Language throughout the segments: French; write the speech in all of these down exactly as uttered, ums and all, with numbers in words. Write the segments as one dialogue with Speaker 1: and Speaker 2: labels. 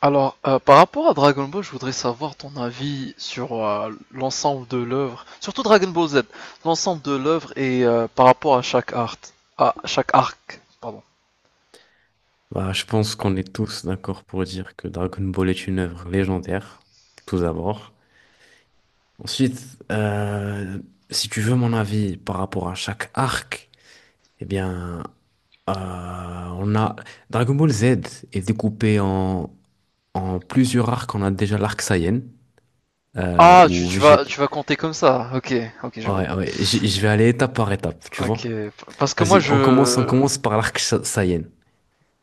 Speaker 1: Alors, euh, par rapport à Dragon Ball, je voudrais savoir ton avis sur euh, l'ensemble de l'œuvre, surtout Dragon Ball Z, l'ensemble de l'œuvre et euh, par rapport à chaque art, à chaque arc.
Speaker 2: Bah, je pense qu'on est tous d'accord pour dire que Dragon Ball est une œuvre légendaire, tout d'abord. Ensuite, euh, si tu veux mon avis par rapport à chaque arc, eh bien, euh, on a Dragon Ball Z est découpé en, en plusieurs arcs. On a déjà l'arc Saiyan, euh,
Speaker 1: Ah, tu,
Speaker 2: où
Speaker 1: tu vas
Speaker 2: Vegeta.
Speaker 1: tu vas compter comme ça. Ok, ok, je vois.
Speaker 2: Ouais, ouais, j- je vais aller étape par étape, tu
Speaker 1: Ok,
Speaker 2: vois.
Speaker 1: parce que moi
Speaker 2: Vas-y, on commence, on
Speaker 1: je,
Speaker 2: commence par l'arc Sa- Saiyan.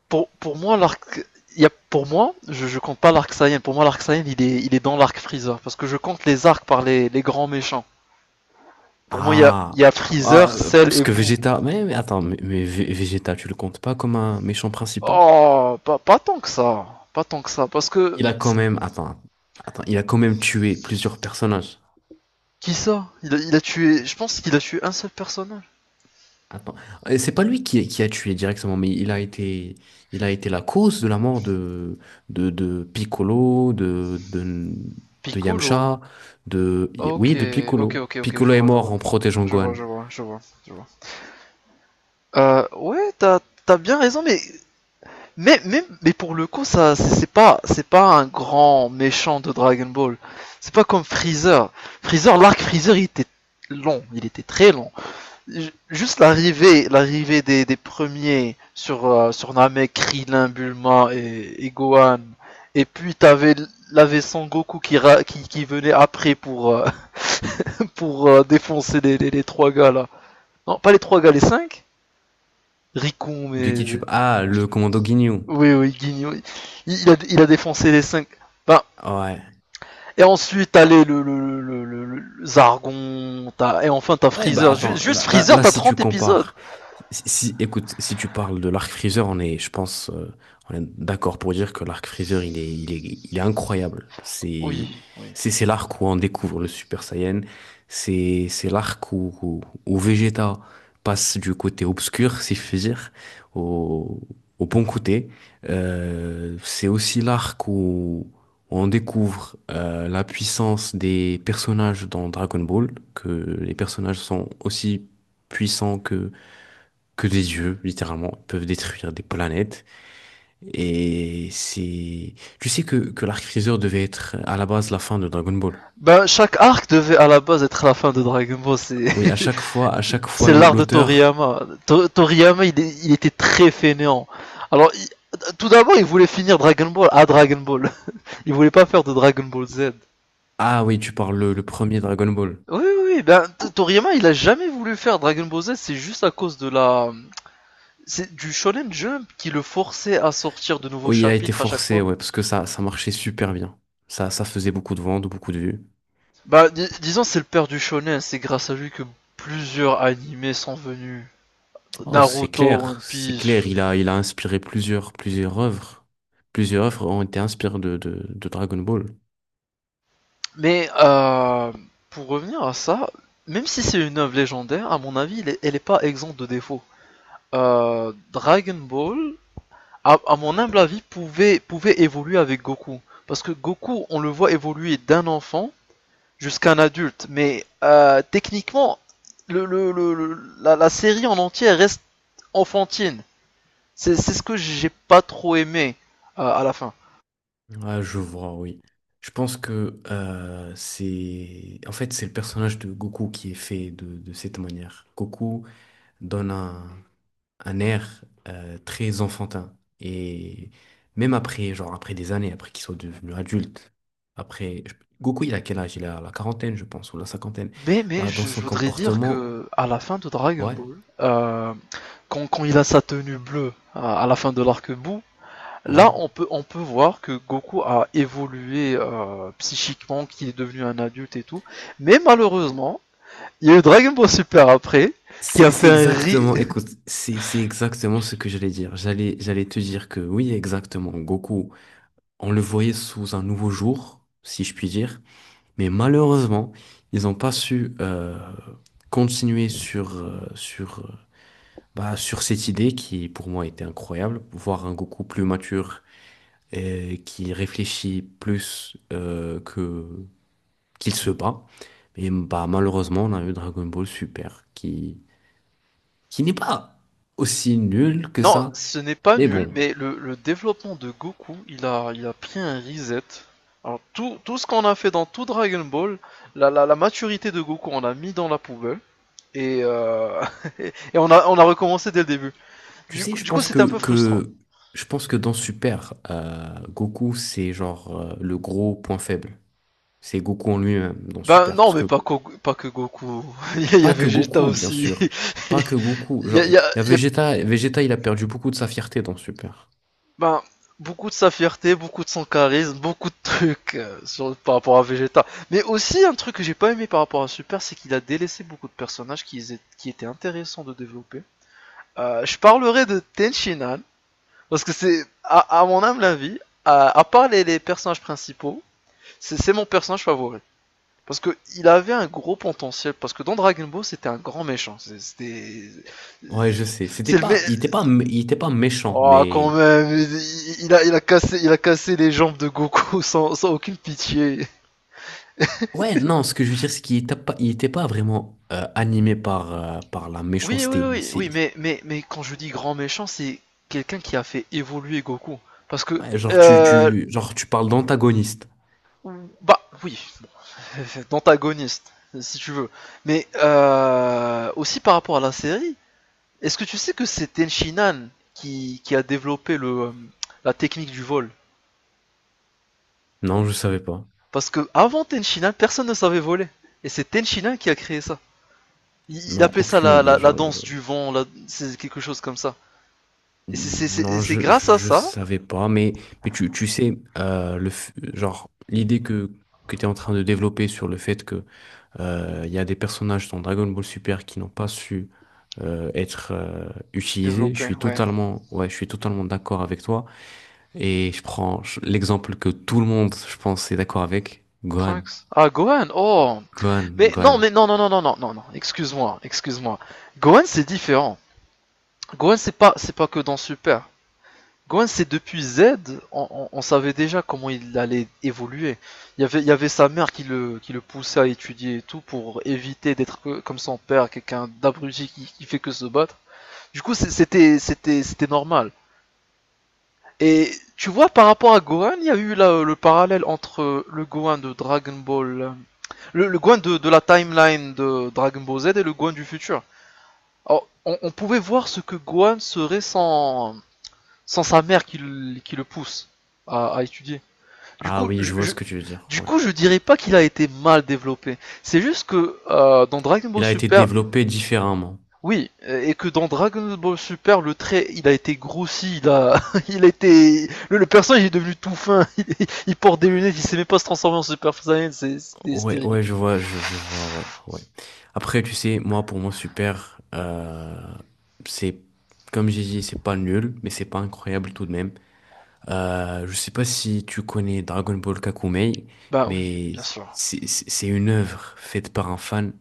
Speaker 1: pour, pour moi l'arc, il y a pour moi, je, je compte pas l'arc Saiyan. Pour moi l'arc Saiyan, il est il est dans l'arc Freezer, parce que je compte les arcs par les, les grands méchants. Pour moi, il y a il
Speaker 2: Ah,
Speaker 1: y a
Speaker 2: ah,
Speaker 1: Freezer,
Speaker 2: euh,
Speaker 1: Cell
Speaker 2: parce
Speaker 1: et
Speaker 2: que
Speaker 1: Boo.
Speaker 2: Vegeta, mais, mais attends, mais, mais Ve- Vegeta, tu le comptes pas comme un méchant principal?
Speaker 1: Oh, pas, pas tant que ça. Pas tant que ça. Parce que.
Speaker 2: Il a quand
Speaker 1: c'est-
Speaker 2: même, attends, attends, il a quand même tué plusieurs personnages.
Speaker 1: Qui ça il a, il a tué. Je pense qu'il a tué un seul personnage.
Speaker 2: Attends, et c'est pas lui qui, qui a tué directement, mais il a été, il a été la cause de la mort de, de, de Piccolo, de, de, de
Speaker 1: Piccolo.
Speaker 2: Yamcha, de,
Speaker 1: Ok,
Speaker 2: oui, de
Speaker 1: ok,
Speaker 2: Piccolo.
Speaker 1: ok, ok, je
Speaker 2: Piccolo est
Speaker 1: vois, je
Speaker 2: mort
Speaker 1: vois.
Speaker 2: en protégeant
Speaker 1: Je vois,
Speaker 2: Gohan.
Speaker 1: je vois, je vois, je vois. Euh, ouais, t'as, t'as bien raison, mais. Mais, mais, mais pour le coup, ça, c'est c'est pas, c'est pas un grand méchant de Dragon Ball. C'est pas comme Freezer. Freezer, l'arc Freezer, il était long, il était très long. Juste l'arrivée, l'arrivée des, des premiers sur, euh, sur Namek, Krillin, Bulma et, et Gohan. Et puis t'avais l'avais Son Goku qui, ra- qui, qui venait après pour, euh, pour euh, défoncer les, les, les trois gars là. Non, pas les trois gars, les cinq Rikon,
Speaker 2: De
Speaker 1: mais.
Speaker 2: qui tu, ah, le commando Ginyu.
Speaker 1: Oui, oui, Guigno. Il, il a, il a défoncé les cinq. Ben,
Speaker 2: Ouais.
Speaker 1: et ensuite, t'as les, le, le, le, le, le- Zargon, t'as- et enfin t'as
Speaker 2: Ouais, bah
Speaker 1: Freezer. Ju-
Speaker 2: attends,
Speaker 1: juste
Speaker 2: là, là,
Speaker 1: Freezer,
Speaker 2: là,
Speaker 1: t'as
Speaker 2: si tu
Speaker 1: trente épisodes.
Speaker 2: compares, si, si- écoute, si tu parles de l'arc Freezer, on est, je pense, euh, on est d'accord pour dire que l'arc Freezer, il est, il est, il est incroyable.
Speaker 1: Oui,
Speaker 2: C'est,
Speaker 1: oui.
Speaker 2: c'est, c'est l'arc où on découvre le Super Saiyan. C'est, c'est l'arc où, où, où Vegeta passe du côté obscur, si je puis dire, au, au bon côté. Euh, c'est aussi l'arc où on découvre euh, la puissance des personnages dans Dragon Ball, que les personnages sont aussi puissants que, que des dieux, littéralement. Ils peuvent détruire des planètes. Et c'est... Tu sais que, que l'arc Freezer devait être à la base la fin de Dragon Ball.
Speaker 1: Ben, chaque arc devait à la base être la fin de Dragon Ball. C'est,
Speaker 2: Oui, à chaque fois, à chaque fois,
Speaker 1: c'est
Speaker 2: l'au-
Speaker 1: l'art de
Speaker 2: l'auteur...
Speaker 1: Toriyama. To- Toriyama, il, est- il était très fainéant. Alors, il- tout d'abord, il voulait finir Dragon Ball à Dragon Ball. Il voulait pas faire de Dragon Ball Z.
Speaker 2: Ah oui, tu parles le, le premier Dragon Ball.
Speaker 1: Oui, oui, ben, Toriyama, il a jamais voulu faire Dragon Ball Z. C'est juste à cause de la. C'est du Shonen Jump qui le forçait à sortir de nouveaux
Speaker 2: Oui, il a été
Speaker 1: chapitres à chaque
Speaker 2: forcé,
Speaker 1: fois.
Speaker 2: ouais, parce que ça, ça marchait super bien. Ça, ça faisait beaucoup de ventes, beaucoup de vues.
Speaker 1: Bah, dis- disons, c'est le père du shonen. C'est grâce à lui que plusieurs animés sont venus.
Speaker 2: Oh, c'est
Speaker 1: Naruto, One
Speaker 2: clair, c'est
Speaker 1: Piece.
Speaker 2: clair. Il a, il a inspiré plusieurs, plusieurs œuvres. Plusieurs œuvres ont été inspirées de, de, de Dragon Ball.
Speaker 1: Mais euh, pour revenir à ça, même si c'est une œuvre légendaire, à mon avis, elle n'est pas exempte de défauts. Euh, Dragon Ball, à, à mon humble avis, pouvait, pouvait évoluer avec Goku. Parce que Goku, on le voit évoluer d'un enfant jusqu'à un adulte. Mais euh, techniquement, le, le- le- la, la série en entier reste enfantine. C'est c'est ce que j'ai pas trop aimé euh, à la fin.
Speaker 2: Ah, je vois, oui. Je pense que euh, c'est... En fait, c'est le personnage de Goku qui est fait de, de cette manière. Goku donne un, un air euh, très enfantin. Et même après, genre après des années, après qu'il soit devenu adulte, après... je- Goku, il a quel âge? Il a la quarantaine, je pense, ou la cinquantaine.
Speaker 1: Mais mais
Speaker 2: Bah, dans
Speaker 1: je, je
Speaker 2: son
Speaker 1: voudrais dire
Speaker 2: comportement,
Speaker 1: que à la fin de Dragon
Speaker 2: ouais,
Speaker 1: Ball, euh, quand, quand il a sa tenue bleue à, à la fin de l'arc bout, là
Speaker 2: ouais.
Speaker 1: on peut on peut voir que Goku a évolué euh, psychiquement, qu'il est devenu un adulte et tout. Mais malheureusement, il y a eu Dragon Ball Super après qui a
Speaker 2: C'est c'est
Speaker 1: fait un ri.
Speaker 2: exactement, écoute, c'est c'est exactement ce que j'allais dire. J'allais j'allais te dire que oui, exactement, Goku, on le voyait sous un nouveau jour, si je puis dire, mais malheureusement, ils n'ont pas su euh, continuer sur euh, sur euh, bah, sur cette idée qui pour moi était incroyable, voir un Goku plus mature et qui réfléchit plus euh, que qu'il se bat. Et bah malheureusement, on a eu Dragon Ball Super qui n'est pas aussi nul que
Speaker 1: Non,
Speaker 2: ça.
Speaker 1: ce n'est pas
Speaker 2: Mais
Speaker 1: nul,
Speaker 2: bon,
Speaker 1: mais le, le développement de Goku, il a il a pris un reset. Alors tout, tout ce qu'on a fait dans tout Dragon Ball, la, la, la maturité de Goku, on l'a mis dans la poubelle. Et, euh, et on, a, on a recommencé dès le début.
Speaker 2: tu
Speaker 1: Du,
Speaker 2: sais,
Speaker 1: coup-
Speaker 2: je
Speaker 1: du coup,
Speaker 2: pense
Speaker 1: c'était un
Speaker 2: que,
Speaker 1: peu frustrant.
Speaker 2: que je pense que dans Super, euh, Goku, c'est genre euh, le gros point faible. C'est Goku en lui-même dans
Speaker 1: Ben
Speaker 2: Super.
Speaker 1: non,
Speaker 2: Parce
Speaker 1: mais
Speaker 2: que
Speaker 1: pas, Ko- pas que Goku. Il y a
Speaker 2: pas que
Speaker 1: Vegeta
Speaker 2: Goku, bien
Speaker 1: aussi.
Speaker 2: sûr. Pas que
Speaker 1: Il
Speaker 2: Goku.
Speaker 1: y a,
Speaker 2: Genre,
Speaker 1: il
Speaker 2: il
Speaker 1: y a-
Speaker 2: y a
Speaker 1: il y a-
Speaker 2: Vegeta. Vegeta, il a perdu beaucoup de sa fierté dans Super.
Speaker 1: ben, beaucoup de sa fierté, beaucoup de son charisme, beaucoup de trucs euh, sur, par rapport à Vegeta. Mais aussi, un truc que j'ai pas aimé par rapport à Super, c'est qu'il a délaissé beaucoup de personnages qui, étaient- qui étaient intéressants de développer. Euh, je parlerai de Tenshinhan, parce que c'est, à, à mon humble avis, à, à part les, les personnages principaux, c'est mon personnage favori. Parce que il avait un gros potentiel. Parce que dans Dragon Ball, c'était un grand méchant. C'était.
Speaker 2: Ouais, je sais. C'était
Speaker 1: C'est le mec.
Speaker 2: pas, il était pas, mé- il était pas méchant,
Speaker 1: Oh, quand
Speaker 2: mais
Speaker 1: même. il- Il a, il, a cassé, il a cassé les jambes de Goku sans, sans aucune pitié.
Speaker 2: ouais, non. Ce que je veux dire, c'est qu'il était pas, il était pas vraiment euh, animé par euh, par la
Speaker 1: Oui, oui,
Speaker 2: méchanceté. Mais
Speaker 1: oui,
Speaker 2: c'est
Speaker 1: oui, mais, mais, mais quand je dis grand méchant, c'est quelqu'un qui a fait évoluer Goku. Parce que.
Speaker 2: ouais, genre tu,
Speaker 1: euh,
Speaker 2: tu, genre tu parles d'antagoniste.
Speaker 1: Bah, oui. D'antagoniste, si tu veux. Mais euh, aussi par rapport à la série, est-ce que tu sais que c'est Tenshinhan qui, qui a développé le, euh, la technique du vol.
Speaker 2: Non, je savais pas.
Speaker 1: Parce que avant Tenshinhan, personne ne savait voler. Et c'est Tenshinhan qui a créé ça. Il, il
Speaker 2: Non,
Speaker 1: appelait ça
Speaker 2: aucune
Speaker 1: la,
Speaker 2: idée.
Speaker 1: la, la
Speaker 2: Genre, je-
Speaker 1: danse du vent, la- c'est quelque chose comme ça. Et c'est- c'est-
Speaker 2: non,
Speaker 1: c'est
Speaker 2: je, je,
Speaker 1: grâce à
Speaker 2: je
Speaker 1: ça
Speaker 2: savais pas. Mais, mais tu, tu sais, euh, le, f- genre, l'idée que, que tu es en train de développer sur le fait que euh, il y a des personnages dans Dragon Ball Super qui n'ont pas su euh, être euh, utilisés, je
Speaker 1: développé,
Speaker 2: suis
Speaker 1: ouais.
Speaker 2: totalement, ouais, je suis totalement d'accord avec toi. Et je prends je- l'exemple que tout le monde, je pense, est d'accord avec, Gohan.
Speaker 1: Trunks. Ah, Gohan, oh.
Speaker 2: Gohan,
Speaker 1: Mais non, mais
Speaker 2: Gohan.
Speaker 1: non, non, non, non, non, non, non, excuse-moi, excuse-moi. Gohan, c'est différent. Gohan, c'est pas, c'est pas que dans Super. Gwen, c'est depuis Z, on, on- on savait déjà comment il allait évoluer. Il y avait, il y avait sa mère qui le, qui le poussait à étudier et tout pour éviter d'être comme son père, quelqu'un d'abruti qui, qui fait que se battre. Du coup, c'était, normal. Et tu vois, par rapport à Gohan, il y a eu là, euh, le parallèle entre euh, le Gohan de Dragon Ball, euh, le, le Gohan de, de la timeline de Dragon Ball Z et le Gohan du futur. Alors, on, on pouvait voir ce que Gohan serait sans, sans sa mère qui, le- qui le pousse à, à étudier. Du
Speaker 2: Ah
Speaker 1: coup,
Speaker 2: oui,
Speaker 1: je,
Speaker 2: je vois
Speaker 1: je,
Speaker 2: ce que tu veux dire.
Speaker 1: du
Speaker 2: Ouais.
Speaker 1: coup, je dirais pas qu'il a été mal développé. C'est juste que euh, dans Dragon Ball
Speaker 2: Il a été
Speaker 1: Super,
Speaker 2: développé différemment.
Speaker 1: oui, euh, et que dans Dragon Ball Super, le trait, il a été grossi, il a, il a été, le, le personnage il est devenu tout fin. Il, il, porte des lunettes, il sait même pas se transformer en Super Saiyan, c'est- c'était c'était
Speaker 2: Ouais, ouais,
Speaker 1: ridicule.
Speaker 2: je vois, je, je vois, ouais, ouais. Après, tu sais, moi, pour mon super, euh, c'est, comme j'ai dit, c'est pas nul, mais c'est pas incroyable tout de même. Euh, je sais pas si tu connais Dragon Ball Kakumei,
Speaker 1: Bah oui,
Speaker 2: mais
Speaker 1: bien sûr.
Speaker 2: c'est c'est- c'est une œuvre faite par un fan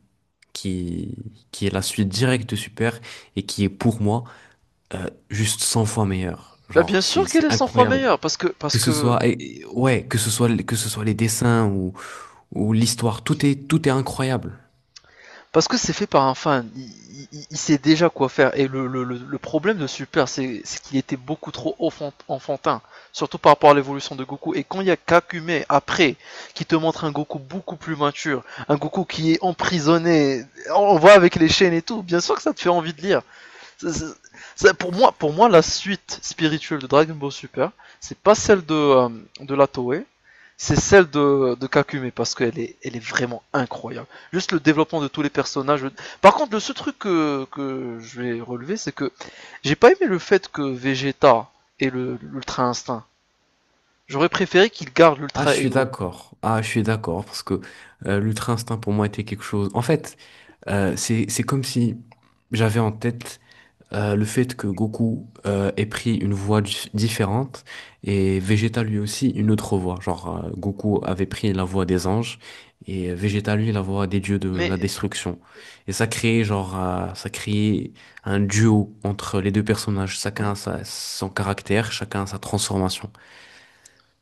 Speaker 2: qui, qui est la suite directe de Super et qui est pour moi euh, juste cent fois meilleure.
Speaker 1: Bah
Speaker 2: Genre,
Speaker 1: bien
Speaker 2: c'est
Speaker 1: sûr qu'elle
Speaker 2: c'est
Speaker 1: est cent fois
Speaker 2: incroyable.
Speaker 1: meilleure, parce que parce
Speaker 2: Que ce
Speaker 1: que
Speaker 2: soit, et- et- ouais, que ce soit, que ce soit les dessins où l'histoire, tout est, tout est incroyable.
Speaker 1: Parce que c'est fait par un fan, il, il- il sait déjà quoi faire. Et le, le- le- le problème de Super, c'est c'est qu'il était beaucoup trop enfant- enfantin, surtout par rapport à l'évolution de Goku. Et quand il y a Kakume après, qui te montre un Goku beaucoup plus mature, un Goku qui est emprisonné, on on voit avec les chaînes et tout, bien sûr que ça te fait envie de lire. C'est- c'est- c'est- pour moi, pour moi, la suite spirituelle de Dragon Ball Super, c'est pas celle de, euh, de la Toei, c'est celle de, de Kakume parce qu'elle est, elle est vraiment incroyable. Juste le développement de tous les personnages. Par contre, le seul truc que, que je vais relever, c'est que j'ai pas aimé le fait que Vegeta ait l'ultra instinct. J'aurais préféré qu'il garde
Speaker 2: Ah, je
Speaker 1: l'ultra
Speaker 2: suis
Speaker 1: ego.
Speaker 2: d'accord. Ah, je suis d'accord parce que euh, l'ultra-instinct pour moi était quelque chose. En fait, euh, c'est c'est comme si j'avais en tête euh, le fait que Goku euh, ait pris une voie dif- différente et Vegeta lui aussi une autre voie. Genre euh, Goku avait pris la voie des anges et Vegeta lui la voie des dieux de la
Speaker 1: Mais
Speaker 2: destruction. Et ça créait genre euh, ça créait un duo entre les deux personnages. Chacun a
Speaker 1: oui,
Speaker 2: sa- son caractère, chacun a sa transformation.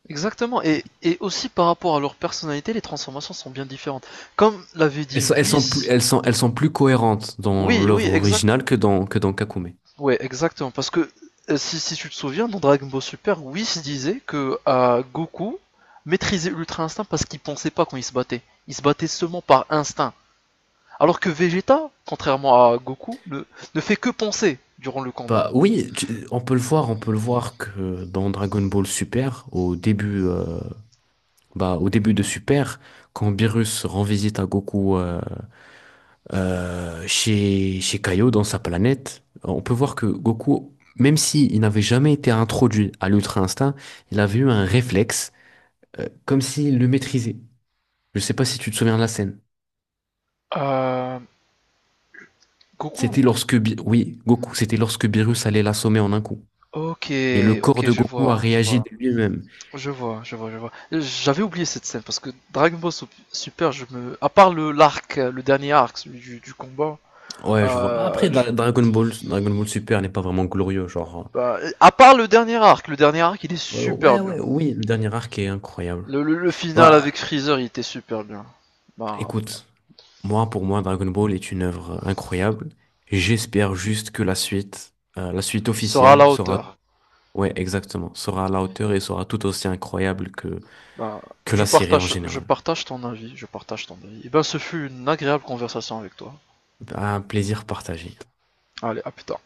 Speaker 1: exactement. Et, et aussi par rapport à leur personnalité, les transformations sont bien différentes. Comme l'avait
Speaker 2: Elles
Speaker 1: dit
Speaker 2: sont, elles sont plus,
Speaker 1: Whis.
Speaker 2: elles sont, elles sont plus cohérentes dans
Speaker 1: Oui, oui,
Speaker 2: l'œuvre
Speaker 1: exact.
Speaker 2: originale que dans, que dans Kakume.
Speaker 1: Ouais, exactement. Parce que euh, si, si tu te souviens, dans Dragon Ball Super, Whis disait que euh, Goku maîtrisait l'Ultra Instinct parce qu'il pensait pas quand il se battait. Il se battait seulement par instinct. Alors que Vegeta, contrairement à Goku, ne, ne fait que penser durant le combat.
Speaker 2: Bah oui, tu- on peut le voir, on peut le voir que dans Dragon Ball Super, au début, euh, bah, au début de Super, quand Beerus rend visite à Goku euh, euh, chez, chez Kaio dans sa planète, on peut voir que Goku, même si il n'avait jamais été introduit à l'Ultra Instinct, il avait eu un réflexe, euh, comme s'il le maîtrisait. Je sais pas si tu te souviens de la scène.
Speaker 1: Euh, Goku.
Speaker 2: C'était lorsque, Bi- oui, Goku, c'était lorsque Beerus allait l'assommer en un coup.
Speaker 1: Ok,
Speaker 2: Et le corps
Speaker 1: ok,
Speaker 2: de
Speaker 1: je
Speaker 2: Goku a
Speaker 1: vois, je
Speaker 2: réagi
Speaker 1: vois,
Speaker 2: de lui-même.
Speaker 1: je vois, je vois, je vois. J'avais oublié cette scène parce que Dragon Ball Sup- Super, je me, à part le l'arc, euh, le dernier arc, celui du, du combat,
Speaker 2: Ouais, je vois. Après,
Speaker 1: euh, je.
Speaker 2: Dra- Dragon Ball, Dragon Ball Super n'est pas vraiment glorieux, genre.
Speaker 1: Bah, à part le dernier arc, le dernier arc il est
Speaker 2: euh, euh,
Speaker 1: super
Speaker 2: ouais,
Speaker 1: bien.
Speaker 2: ouais, oui, le dernier arc est incroyable.
Speaker 1: Le, le, le final avec
Speaker 2: Bah,
Speaker 1: Freezer il était super bien. Bah,
Speaker 2: écoute, moi, pour moi, Dragon Ball est une œuvre incroyable. J'espère juste que la suite, euh, la suite
Speaker 1: sera à
Speaker 2: officielle
Speaker 1: la
Speaker 2: sera,
Speaker 1: hauteur.
Speaker 2: ouais, exactement, sera à la hauteur et sera tout aussi incroyable que,
Speaker 1: Bah,
Speaker 2: que
Speaker 1: je
Speaker 2: la série en
Speaker 1: partage, je
Speaker 2: général.
Speaker 1: partage ton avis, je partage ton avis. Et ben, ce fut une agréable conversation avec toi.
Speaker 2: Bah, un plaisir partagé.
Speaker 1: Allez, à plus tard.